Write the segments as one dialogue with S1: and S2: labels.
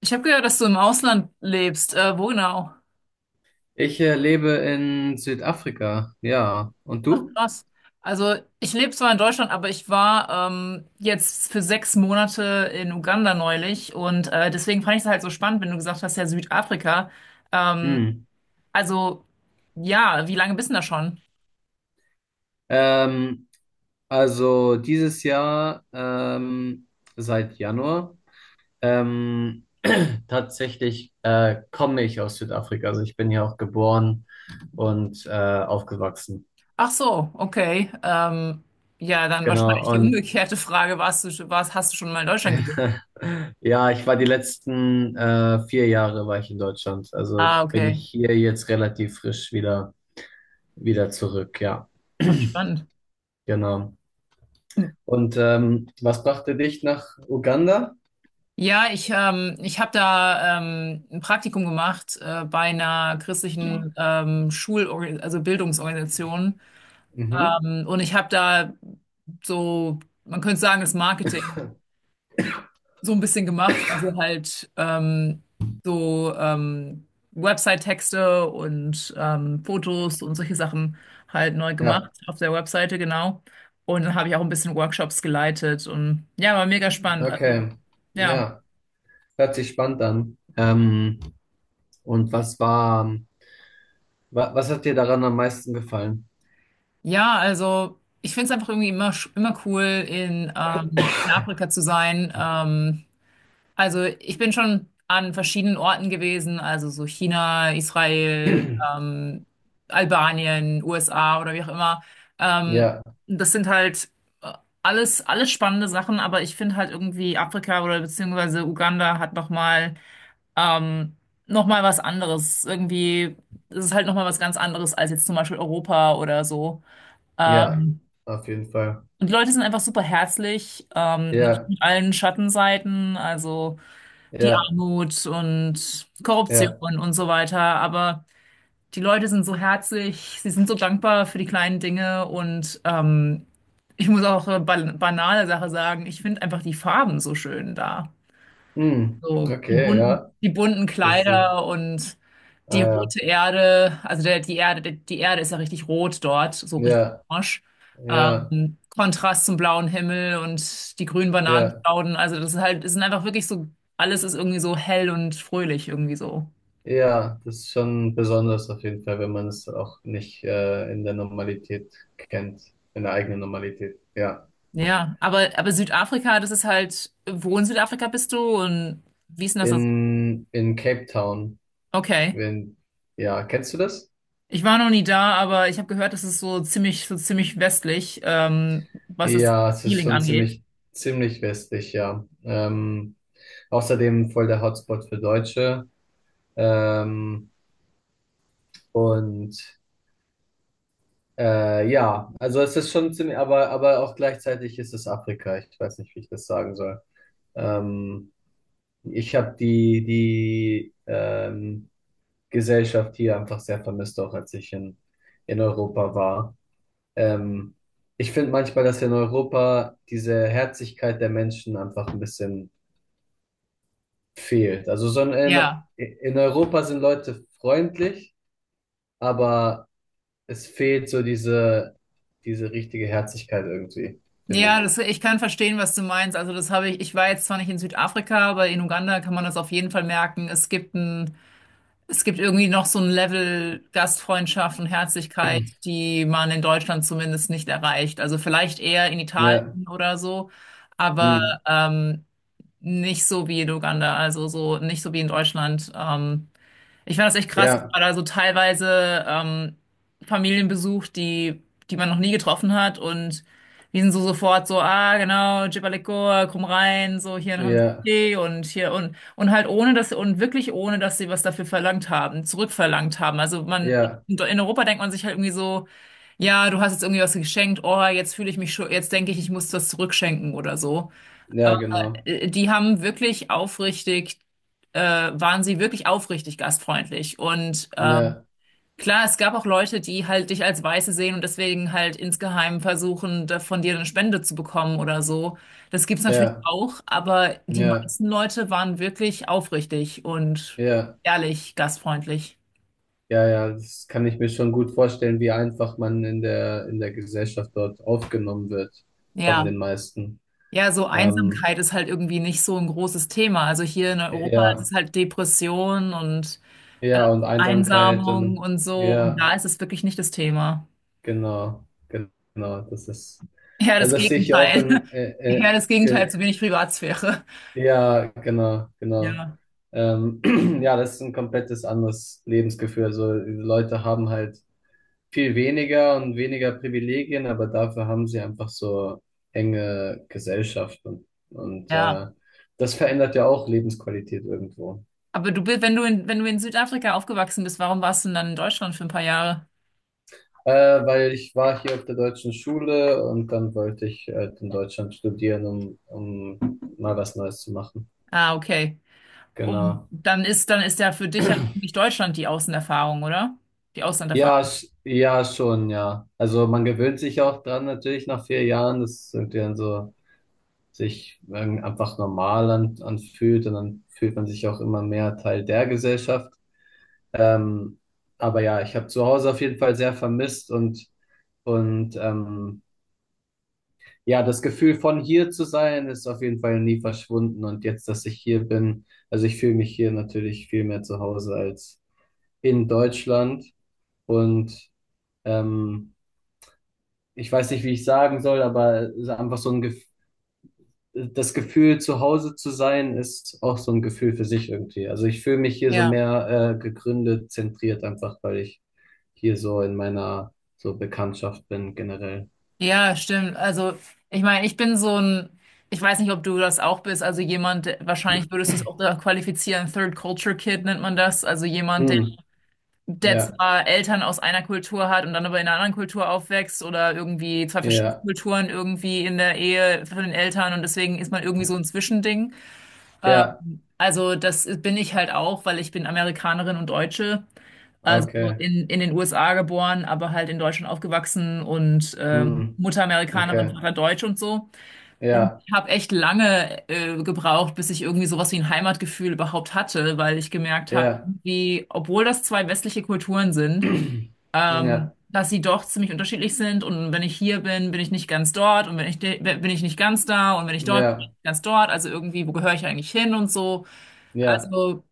S1: Ich habe gehört, dass du im Ausland lebst. Wo genau?
S2: Ich lebe in Südafrika, ja. Und
S1: Ach,
S2: du?
S1: krass. Also, ich lebe zwar in Deutschland, aber ich war jetzt für sechs Monate in Uganda neulich und deswegen fand ich es halt so spannend, wenn du gesagt hast, ja, Südafrika. Ähm,
S2: Hm.
S1: also, ja, wie lange bist du denn da schon?
S2: Ähm, also dieses Jahr, seit Januar, ähm, tatsächlich komme ich aus Südafrika. Also ich bin hier auch geboren und aufgewachsen.
S1: Ach so, okay. Ja, dann
S2: Genau.
S1: wahrscheinlich die
S2: Und
S1: umgekehrte Frage, hast du schon mal in Deutschland gelebt?
S2: ja, ich war die letzten 4 Jahre war ich in Deutschland. Also
S1: Ah,
S2: bin
S1: okay.
S2: ich hier jetzt relativ frisch wieder zurück, ja.
S1: Ach, spannend.
S2: Genau. Und was brachte dich nach Uganda?
S1: Ich habe da ein Praktikum gemacht bei einer christlichen also Bildungsorganisation.
S2: Mhm.
S1: Und ich habe da so, man könnte sagen, das Marketing so ein bisschen gemacht. Also halt so ähm, Website-Texte und Fotos und solche Sachen halt neu gemacht
S2: Ja,
S1: auf der Webseite, genau. Und dann habe ich auch ein bisschen Workshops geleitet und ja, war mega spannend. Also
S2: okay.
S1: ja.
S2: Ja, hört sich spannend an. Und was war, wa was hat dir daran am meisten gefallen?
S1: Ja, also ich finde es einfach irgendwie immer, immer cool, in Afrika zu sein. Also ich bin schon an verschiedenen Orten gewesen, also so China, Israel, ähm, Albanien, USA oder wie auch immer. Ähm,
S2: Ja,
S1: das sind halt äh, alles spannende Sachen, aber ich finde halt irgendwie Afrika oder beziehungsweise Uganda hat nochmal ähm, noch mal was anderes. Irgendwie ist es halt nochmal was ganz anderes als jetzt zum Beispiel Europa oder so.
S2: ja,
S1: Ähm,
S2: auf jeden Fall.
S1: und die Leute sind einfach super herzlich, natürlich
S2: Ja,
S1: mit allen Schattenseiten, also die
S2: ja,
S1: Armut und
S2: ja.
S1: Korruption und so weiter. Aber die Leute sind so herzlich, sie sind so dankbar für die kleinen Dinge und ich muss auch eine banale Sache sagen, ich finde einfach die Farben so schön da.
S2: Hm,
S1: So
S2: okay, ja.
S1: die bunten
S2: Das, äh,
S1: Kleider und die
S2: ah,
S1: rote Erde, die Erde, die Erde ist ja richtig rot dort, so richtig
S2: ja,
S1: orange.
S2: ja,
S1: Kontrast zum blauen Himmel und die grünen
S2: ja,
S1: Bananenstauden. Also das ist halt, es sind einfach wirklich so, alles ist irgendwie so hell und fröhlich irgendwie so.
S2: ja, ja. Das ist schon besonders auf jeden Fall, wenn man es auch nicht in der Normalität kennt, in der eigenen Normalität. Ja.
S1: Ja, aber Südafrika, das ist halt, wo in Südafrika bist du und wie ist denn das so?
S2: In Cape Town.
S1: Okay.
S2: Wenn, ja, kennst du das?
S1: Ich war noch nie da, aber ich habe gehört, das ist so ziemlich westlich, was das
S2: Ja, es ist
S1: Feeling
S2: schon
S1: angeht.
S2: ziemlich, ziemlich westlich, ja. Außerdem voll der Hotspot für Deutsche. Ähm, und ja, also es ist schon ziemlich, aber auch gleichzeitig ist es Afrika. Ich weiß nicht, wie ich das sagen soll. Ähm, Ich habe die Gesellschaft hier einfach sehr vermisst, auch als ich in Europa war. Ähm, Ich finde manchmal, dass in Europa diese Herzlichkeit der Menschen einfach ein bisschen fehlt. Also so in,
S1: Ja,
S2: in Europa sind Leute freundlich, aber es fehlt so diese richtige Herzlichkeit irgendwie, finde
S1: ja,
S2: ich.
S1: das, ich kann verstehen, was du meinst. Also das habe ich, ich war jetzt zwar nicht in Südafrika, aber in Uganda kann man das auf jeden Fall merken. Es gibt irgendwie noch so ein Level Gastfreundschaft und Herzlichkeit, die man in Deutschland zumindest nicht erreicht. Also vielleicht eher in
S2: Ja,
S1: Italien oder so, aber
S2: hm.
S1: ähm, nicht so wie in Uganda, also so nicht so wie in Deutschland. Ich fand das echt krass. Ich
S2: Ja,
S1: war da so teilweise Familien besucht, die man noch nie getroffen hat. Und die sind so sofort so, ah, genau, Jibalikoa, komm rein, so hier haben sie
S2: ja,
S1: Tee und hier und halt ohne, dass wirklich ohne, dass sie was dafür verlangt haben, zurückverlangt haben.
S2: ja,
S1: In Europa denkt man sich halt irgendwie so, ja, du hast jetzt irgendwie was geschenkt, oh, jetzt fühle ich mich schon, jetzt denke ich, ich muss das zurückschenken oder so.
S2: ja,
S1: Aber
S2: genau.
S1: die haben wirklich aufrichtig, waren sie wirklich aufrichtig gastfreundlich. Und
S2: Ja,
S1: klar, es gab auch Leute, die halt dich als Weiße sehen und deswegen halt insgeheim versuchen, da von dir eine Spende zu bekommen oder so. Das gibt's natürlich
S2: ja,
S1: auch, aber die
S2: ja,
S1: meisten Leute waren wirklich aufrichtig und
S2: ja,
S1: ehrlich gastfreundlich.
S2: ja, ja, das kann ich mir schon gut vorstellen, wie einfach man in der Gesellschaft dort aufgenommen wird von
S1: Ja.
S2: den meisten.
S1: Ja, so
S2: Ähm,
S1: Einsamkeit ist halt irgendwie nicht so ein großes Thema. Also hier in Europa ist
S2: ja,
S1: es halt Depression und äh,
S2: ja, und Einsamkeit
S1: Einsamung
S2: und
S1: und so. Und
S2: ja,
S1: da ist es wirklich nicht das Thema.
S2: genau, genau,
S1: Eher das
S2: also das sehe ich ja auch
S1: Gegenteil. Eher das Gegenteil, zu wenig Privatsphäre.
S2: ja, genau, genau.
S1: Ja,
S2: Ähm, ja, das ist ein komplettes anderes Lebensgefühl. Also die Leute haben halt viel weniger und weniger Privilegien, aber dafür haben sie einfach so enge Gesellschaft und
S1: ja.
S2: das verändert ja auch Lebensqualität irgendwo.
S1: Aber du bist, wenn du in Südafrika aufgewachsen bist, warum warst du denn dann in Deutschland für ein paar Jahre?
S2: Äh, Weil ich war hier auf der deutschen Schule und dann wollte ich halt in Deutschland studieren, um mal was Neues zu machen.
S1: Ah, okay. Und
S2: Genau.
S1: dann ist ja für dich ja eigentlich Deutschland die Außenerfahrung, oder? Die
S2: Ja,
S1: Auslanderfahrung.
S2: sch ja, schon, ja. Also man gewöhnt sich auch dran natürlich nach 4 Jahren, dass es irgendwie dann so sich einfach normal an anfühlt und dann fühlt man sich auch immer mehr Teil der Gesellschaft. Ähm, aber ja, ich habe zu Hause auf jeden Fall sehr vermisst und ja, das Gefühl von hier zu sein ist auf jeden Fall nie verschwunden. Und jetzt, dass ich hier bin, also ich fühle mich hier natürlich viel mehr zu Hause als in Deutschland. Und ähm, ich weiß nicht, wie ich sagen soll, aber es ist einfach so ein Gef das Gefühl, zu Hause zu sein, ist auch so ein Gefühl für sich irgendwie. Also ich fühle mich hier so
S1: Ja.
S2: mehr gegründet, zentriert, einfach weil ich hier so in meiner so Bekanntschaft bin generell.
S1: Ja, stimmt. Also, ich meine, ich bin so ein, ich weiß nicht, ob du das auch bist, also jemand, wahrscheinlich würdest du es auch da qualifizieren, Third Culture Kid nennt man das, also jemand,
S2: Mm,
S1: der
S2: ja,
S1: zwar Eltern aus einer Kultur hat und dann aber in einer anderen Kultur aufwächst oder irgendwie zwei verschiedene
S2: ja,
S1: Kulturen irgendwie in der Ehe von den Eltern und deswegen ist man irgendwie so ein Zwischending.
S2: ja,
S1: Also das bin ich halt auch, weil ich bin Amerikanerin und Deutsche, also
S2: okay.
S1: in den USA geboren, aber halt in Deutschland aufgewachsen und
S2: Mm.
S1: Mutter Amerikanerin,
S2: Okay.
S1: Vater Deutsch und so. Und
S2: Ja,
S1: ich habe echt lange gebraucht, bis ich irgendwie sowas wie ein Heimatgefühl überhaupt hatte, weil ich gemerkt habe,
S2: ja.
S1: wie, obwohl das zwei westliche Kulturen sind,
S2: Ja,
S1: dass sie doch ziemlich unterschiedlich sind und wenn ich hier bin, bin ich nicht ganz dort und wenn ich bin ich nicht ganz da und wenn ich dort bin, bin
S2: ja,
S1: ich nicht ganz dort, also irgendwie, wo gehöre ich eigentlich hin und so.
S2: ja,
S1: Also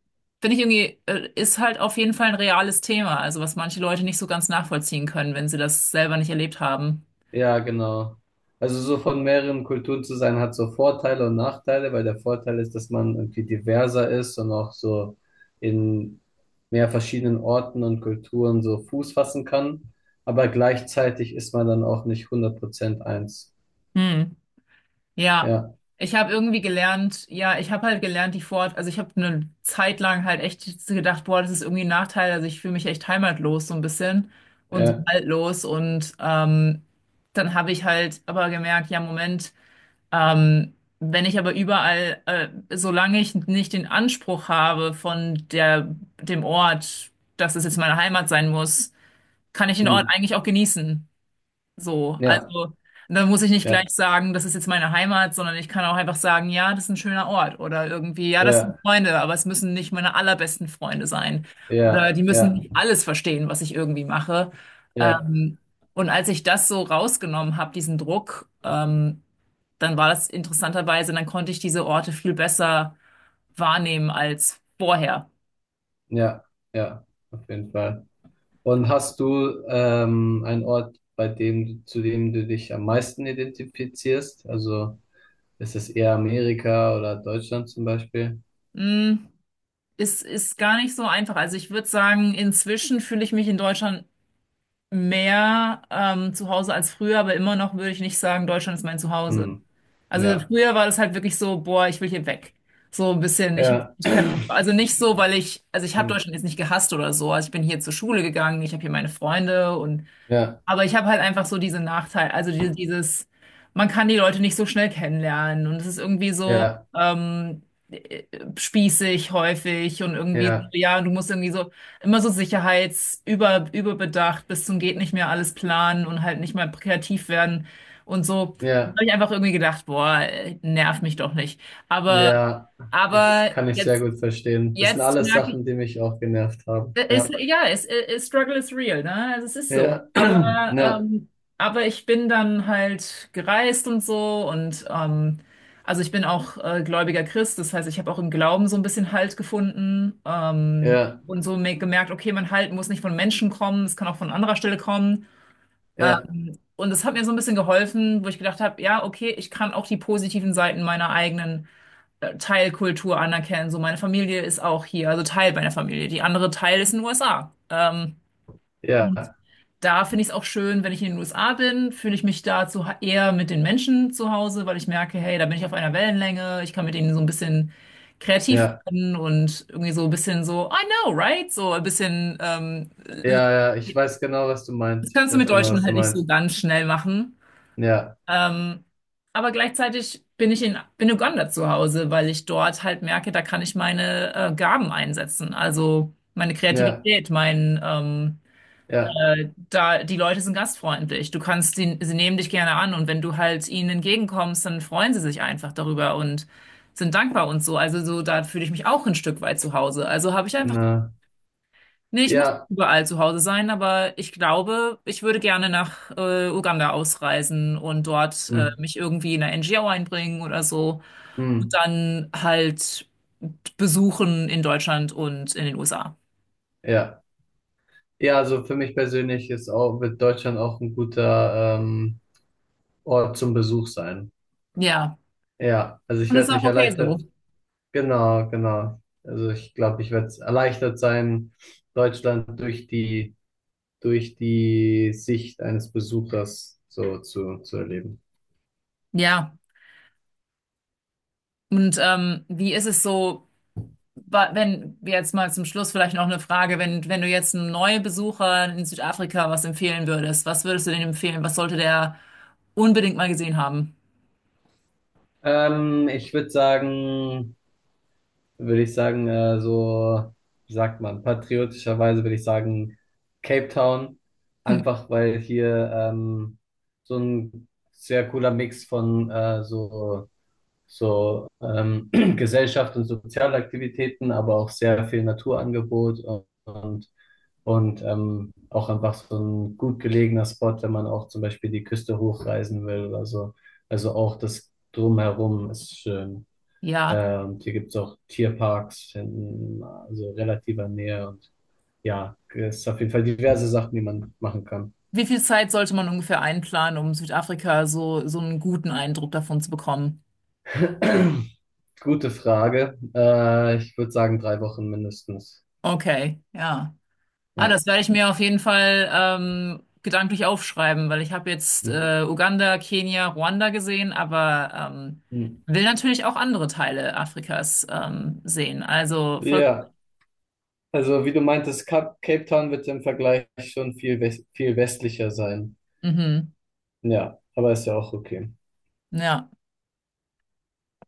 S1: finde ich irgendwie, ist halt auf jeden Fall ein reales Thema, also was manche Leute nicht so ganz nachvollziehen können, wenn sie das selber nicht erlebt haben.
S2: ja, genau. Also so von mehreren Kulturen zu sein hat so Vorteile und Nachteile, weil der Vorteil ist, dass man irgendwie diverser ist und auch so in mehr verschiedenen Orten und Kulturen so Fuß fassen kann. Aber gleichzeitig ist man dann auch nicht 100% eins.
S1: Hm. Ja,
S2: Ja,
S1: ich habe halt gelernt, also ich habe eine Zeit lang halt echt gedacht, boah, das ist irgendwie ein Nachteil, also ich fühle mich echt heimatlos so ein bisschen und so
S2: ja,
S1: haltlos und dann habe ich halt aber gemerkt, ja, Moment, ähm, wenn ich aber überall, solange ich nicht den Anspruch habe dem Ort, dass es jetzt meine Heimat sein muss, kann ich den Ort
S2: mm,
S1: eigentlich auch genießen. So,
S2: ja,
S1: also da muss ich nicht gleich
S2: ja,
S1: sagen, das ist jetzt meine Heimat, sondern ich kann auch einfach sagen, ja, das ist ein schöner Ort oder irgendwie, ja, das sind
S2: ja,
S1: Freunde, aber es müssen nicht meine allerbesten Freunde sein
S2: ja,
S1: oder die müssen
S2: ja,
S1: nicht alles verstehen, was ich irgendwie mache.
S2: ja,
S1: Ähm, und als ich das so rausgenommen habe, diesen Druck, dann war das interessanterweise, dann konnte ich diese Orte viel besser wahrnehmen als vorher.
S2: ja, ja, auf jeden Fall. Und hast du einen Ort, zu dem du dich am meisten identifizierst? Also ist es eher Amerika oder Deutschland zum Beispiel?
S1: Hm, ist gar nicht so einfach. Also ich würde sagen, inzwischen fühle ich mich in Deutschland mehr zu Hause als früher, aber immer noch würde ich nicht sagen, Deutschland ist mein Zuhause.
S2: Hm.
S1: Also
S2: Ja,
S1: früher war das halt wirklich so, boah, ich will hier weg. So ein bisschen, ich,
S2: ja,
S1: ich kann, also nicht so, weil ich, also ich habe
S2: hm.
S1: Deutschland jetzt nicht gehasst oder so. Also ich bin hier zur Schule gegangen, ich habe hier meine Freunde und
S2: Ja,
S1: aber ich habe halt einfach so diesen Nachteil, man kann die Leute nicht so schnell kennenlernen und es ist irgendwie so
S2: ja,
S1: ähm, äh, spießig häufig und irgendwie, so,
S2: ja,
S1: ja, du musst irgendwie so immer so sicherheitsüber überbedacht bis zum geht nicht mehr alles planen und halt nicht mehr kreativ werden und so. Da
S2: ja,
S1: habe ich einfach irgendwie gedacht, boah, nerv mich doch nicht. Aber,
S2: ja. Ich
S1: aber
S2: kann ich sehr
S1: jetzt,
S2: gut verstehen. Das sind
S1: jetzt
S2: alles
S1: merke
S2: Sachen, die mich auch genervt haben. Ja,
S1: es ist, Struggle is real, ne? Also es ist so.
S2: ja,
S1: Aber,
S2: ja,
S1: aber ich bin dann halt gereist und so und also ich bin auch gläubiger Christ, das heißt, ich habe auch im Glauben so ein bisschen Halt gefunden
S2: ja,
S1: und so gemerkt, okay, mein Halt muss nicht von Menschen kommen, es kann auch von anderer Stelle kommen.
S2: ja,
S1: Und es hat mir so ein bisschen geholfen, wo ich gedacht habe, ja, okay, ich kann auch die positiven Seiten meiner eigenen Teilkultur anerkennen. So, meine Familie ist auch hier, also Teil meiner Familie. Die andere Teil ist in den USA. Und
S2: ja,
S1: da finde ich es auch schön, wenn ich in den USA bin, fühle ich mich eher mit den Menschen zu Hause, weil ich merke, hey, da bin ich auf einer Wellenlänge, ich kann mit denen so ein bisschen kreativ
S2: ja,
S1: werden und irgendwie so ein bisschen so, I know, right? So ein bisschen,
S2: ja, ja. Ich weiß genau, was du
S1: das
S2: meinst. Ich
S1: kannst du mit
S2: weiß genau,
S1: Deutschen
S2: was du
S1: halt nicht so
S2: meinst.
S1: ganz schnell machen.
S2: Ja,
S1: Ähm, aber gleichzeitig bin Uganda zu Hause, weil ich dort halt merke, da kann ich meine Gaben einsetzen. Also meine
S2: ja,
S1: Kreativität, mein,
S2: ja,
S1: da, die Leute sind gastfreundlich. Du kannst, sie nehmen dich gerne an und wenn du halt ihnen entgegenkommst, dann freuen sie sich einfach darüber und sind dankbar und so. Also so, da fühle ich mich auch ein Stück weit zu Hause. Also habe ich einfach
S2: genau.
S1: Nee, ich muss
S2: Ja,
S1: nicht überall zu Hause sein, aber ich glaube, ich würde gerne nach Uganda ausreisen und dort
S2: hm,
S1: mich irgendwie in eine NGO einbringen oder so und
S2: hm,
S1: dann halt besuchen in Deutschland und in den USA.
S2: ja. Ja, also für mich persönlich wird Deutschland auch ein guter Ort zum Besuch sein.
S1: Ja,
S2: Ja, also ich
S1: und ist
S2: werde
S1: auch
S2: mich
S1: okay so.
S2: erleichtert, genau, genau. Also ich glaube, ich werde erleichtert sein, Deutschland durch die Sicht eines Besuchers so zu erleben.
S1: Ja, und wie ist es so, wenn wir jetzt mal zum Schluss vielleicht noch eine Frage, wenn du jetzt einem Neubesucher in Südafrika was empfehlen würdest, was würdest du denen empfehlen? Was sollte der unbedingt mal gesehen haben?
S2: Ich würde sagen, würde ich sagen, so, wie sagt man, patriotischerweise würde ich sagen, Cape Town,
S1: Hm.
S2: einfach weil hier so ein sehr cooler Mix von so Gesellschaft und Sozialaktivitäten, aber auch sehr viel Naturangebot und auch einfach so ein gut gelegener Spot, wenn man auch zum Beispiel die Küste hochreisen will oder so. Also auch das Drumherum ist schön.
S1: Ja.
S2: Hier gibt es auch Tierparks in also relativer Nähe und ja, es ist auf jeden Fall diverse Sachen, die man machen kann.
S1: Wie viel Zeit sollte man ungefähr einplanen, um Südafrika so einen guten Eindruck davon zu bekommen?
S2: Gute Frage. Ich würde sagen, 3 Wochen mindestens.
S1: Okay, ja. Ah,
S2: Ja.
S1: das werde ich mir auf jeden Fall gedanklich aufschreiben, weil ich habe jetzt
S2: Hm.
S1: Uganda, Kenia, Ruanda gesehen, aber
S2: Hm.
S1: will natürlich auch andere Teile Afrikas sehen. Also voll cool.
S2: Ja, also wie du meintest, Cape Town wird im Vergleich schon viel westlicher sein.
S1: Mhm.
S2: Ja, aber ist ja auch okay.
S1: Ja.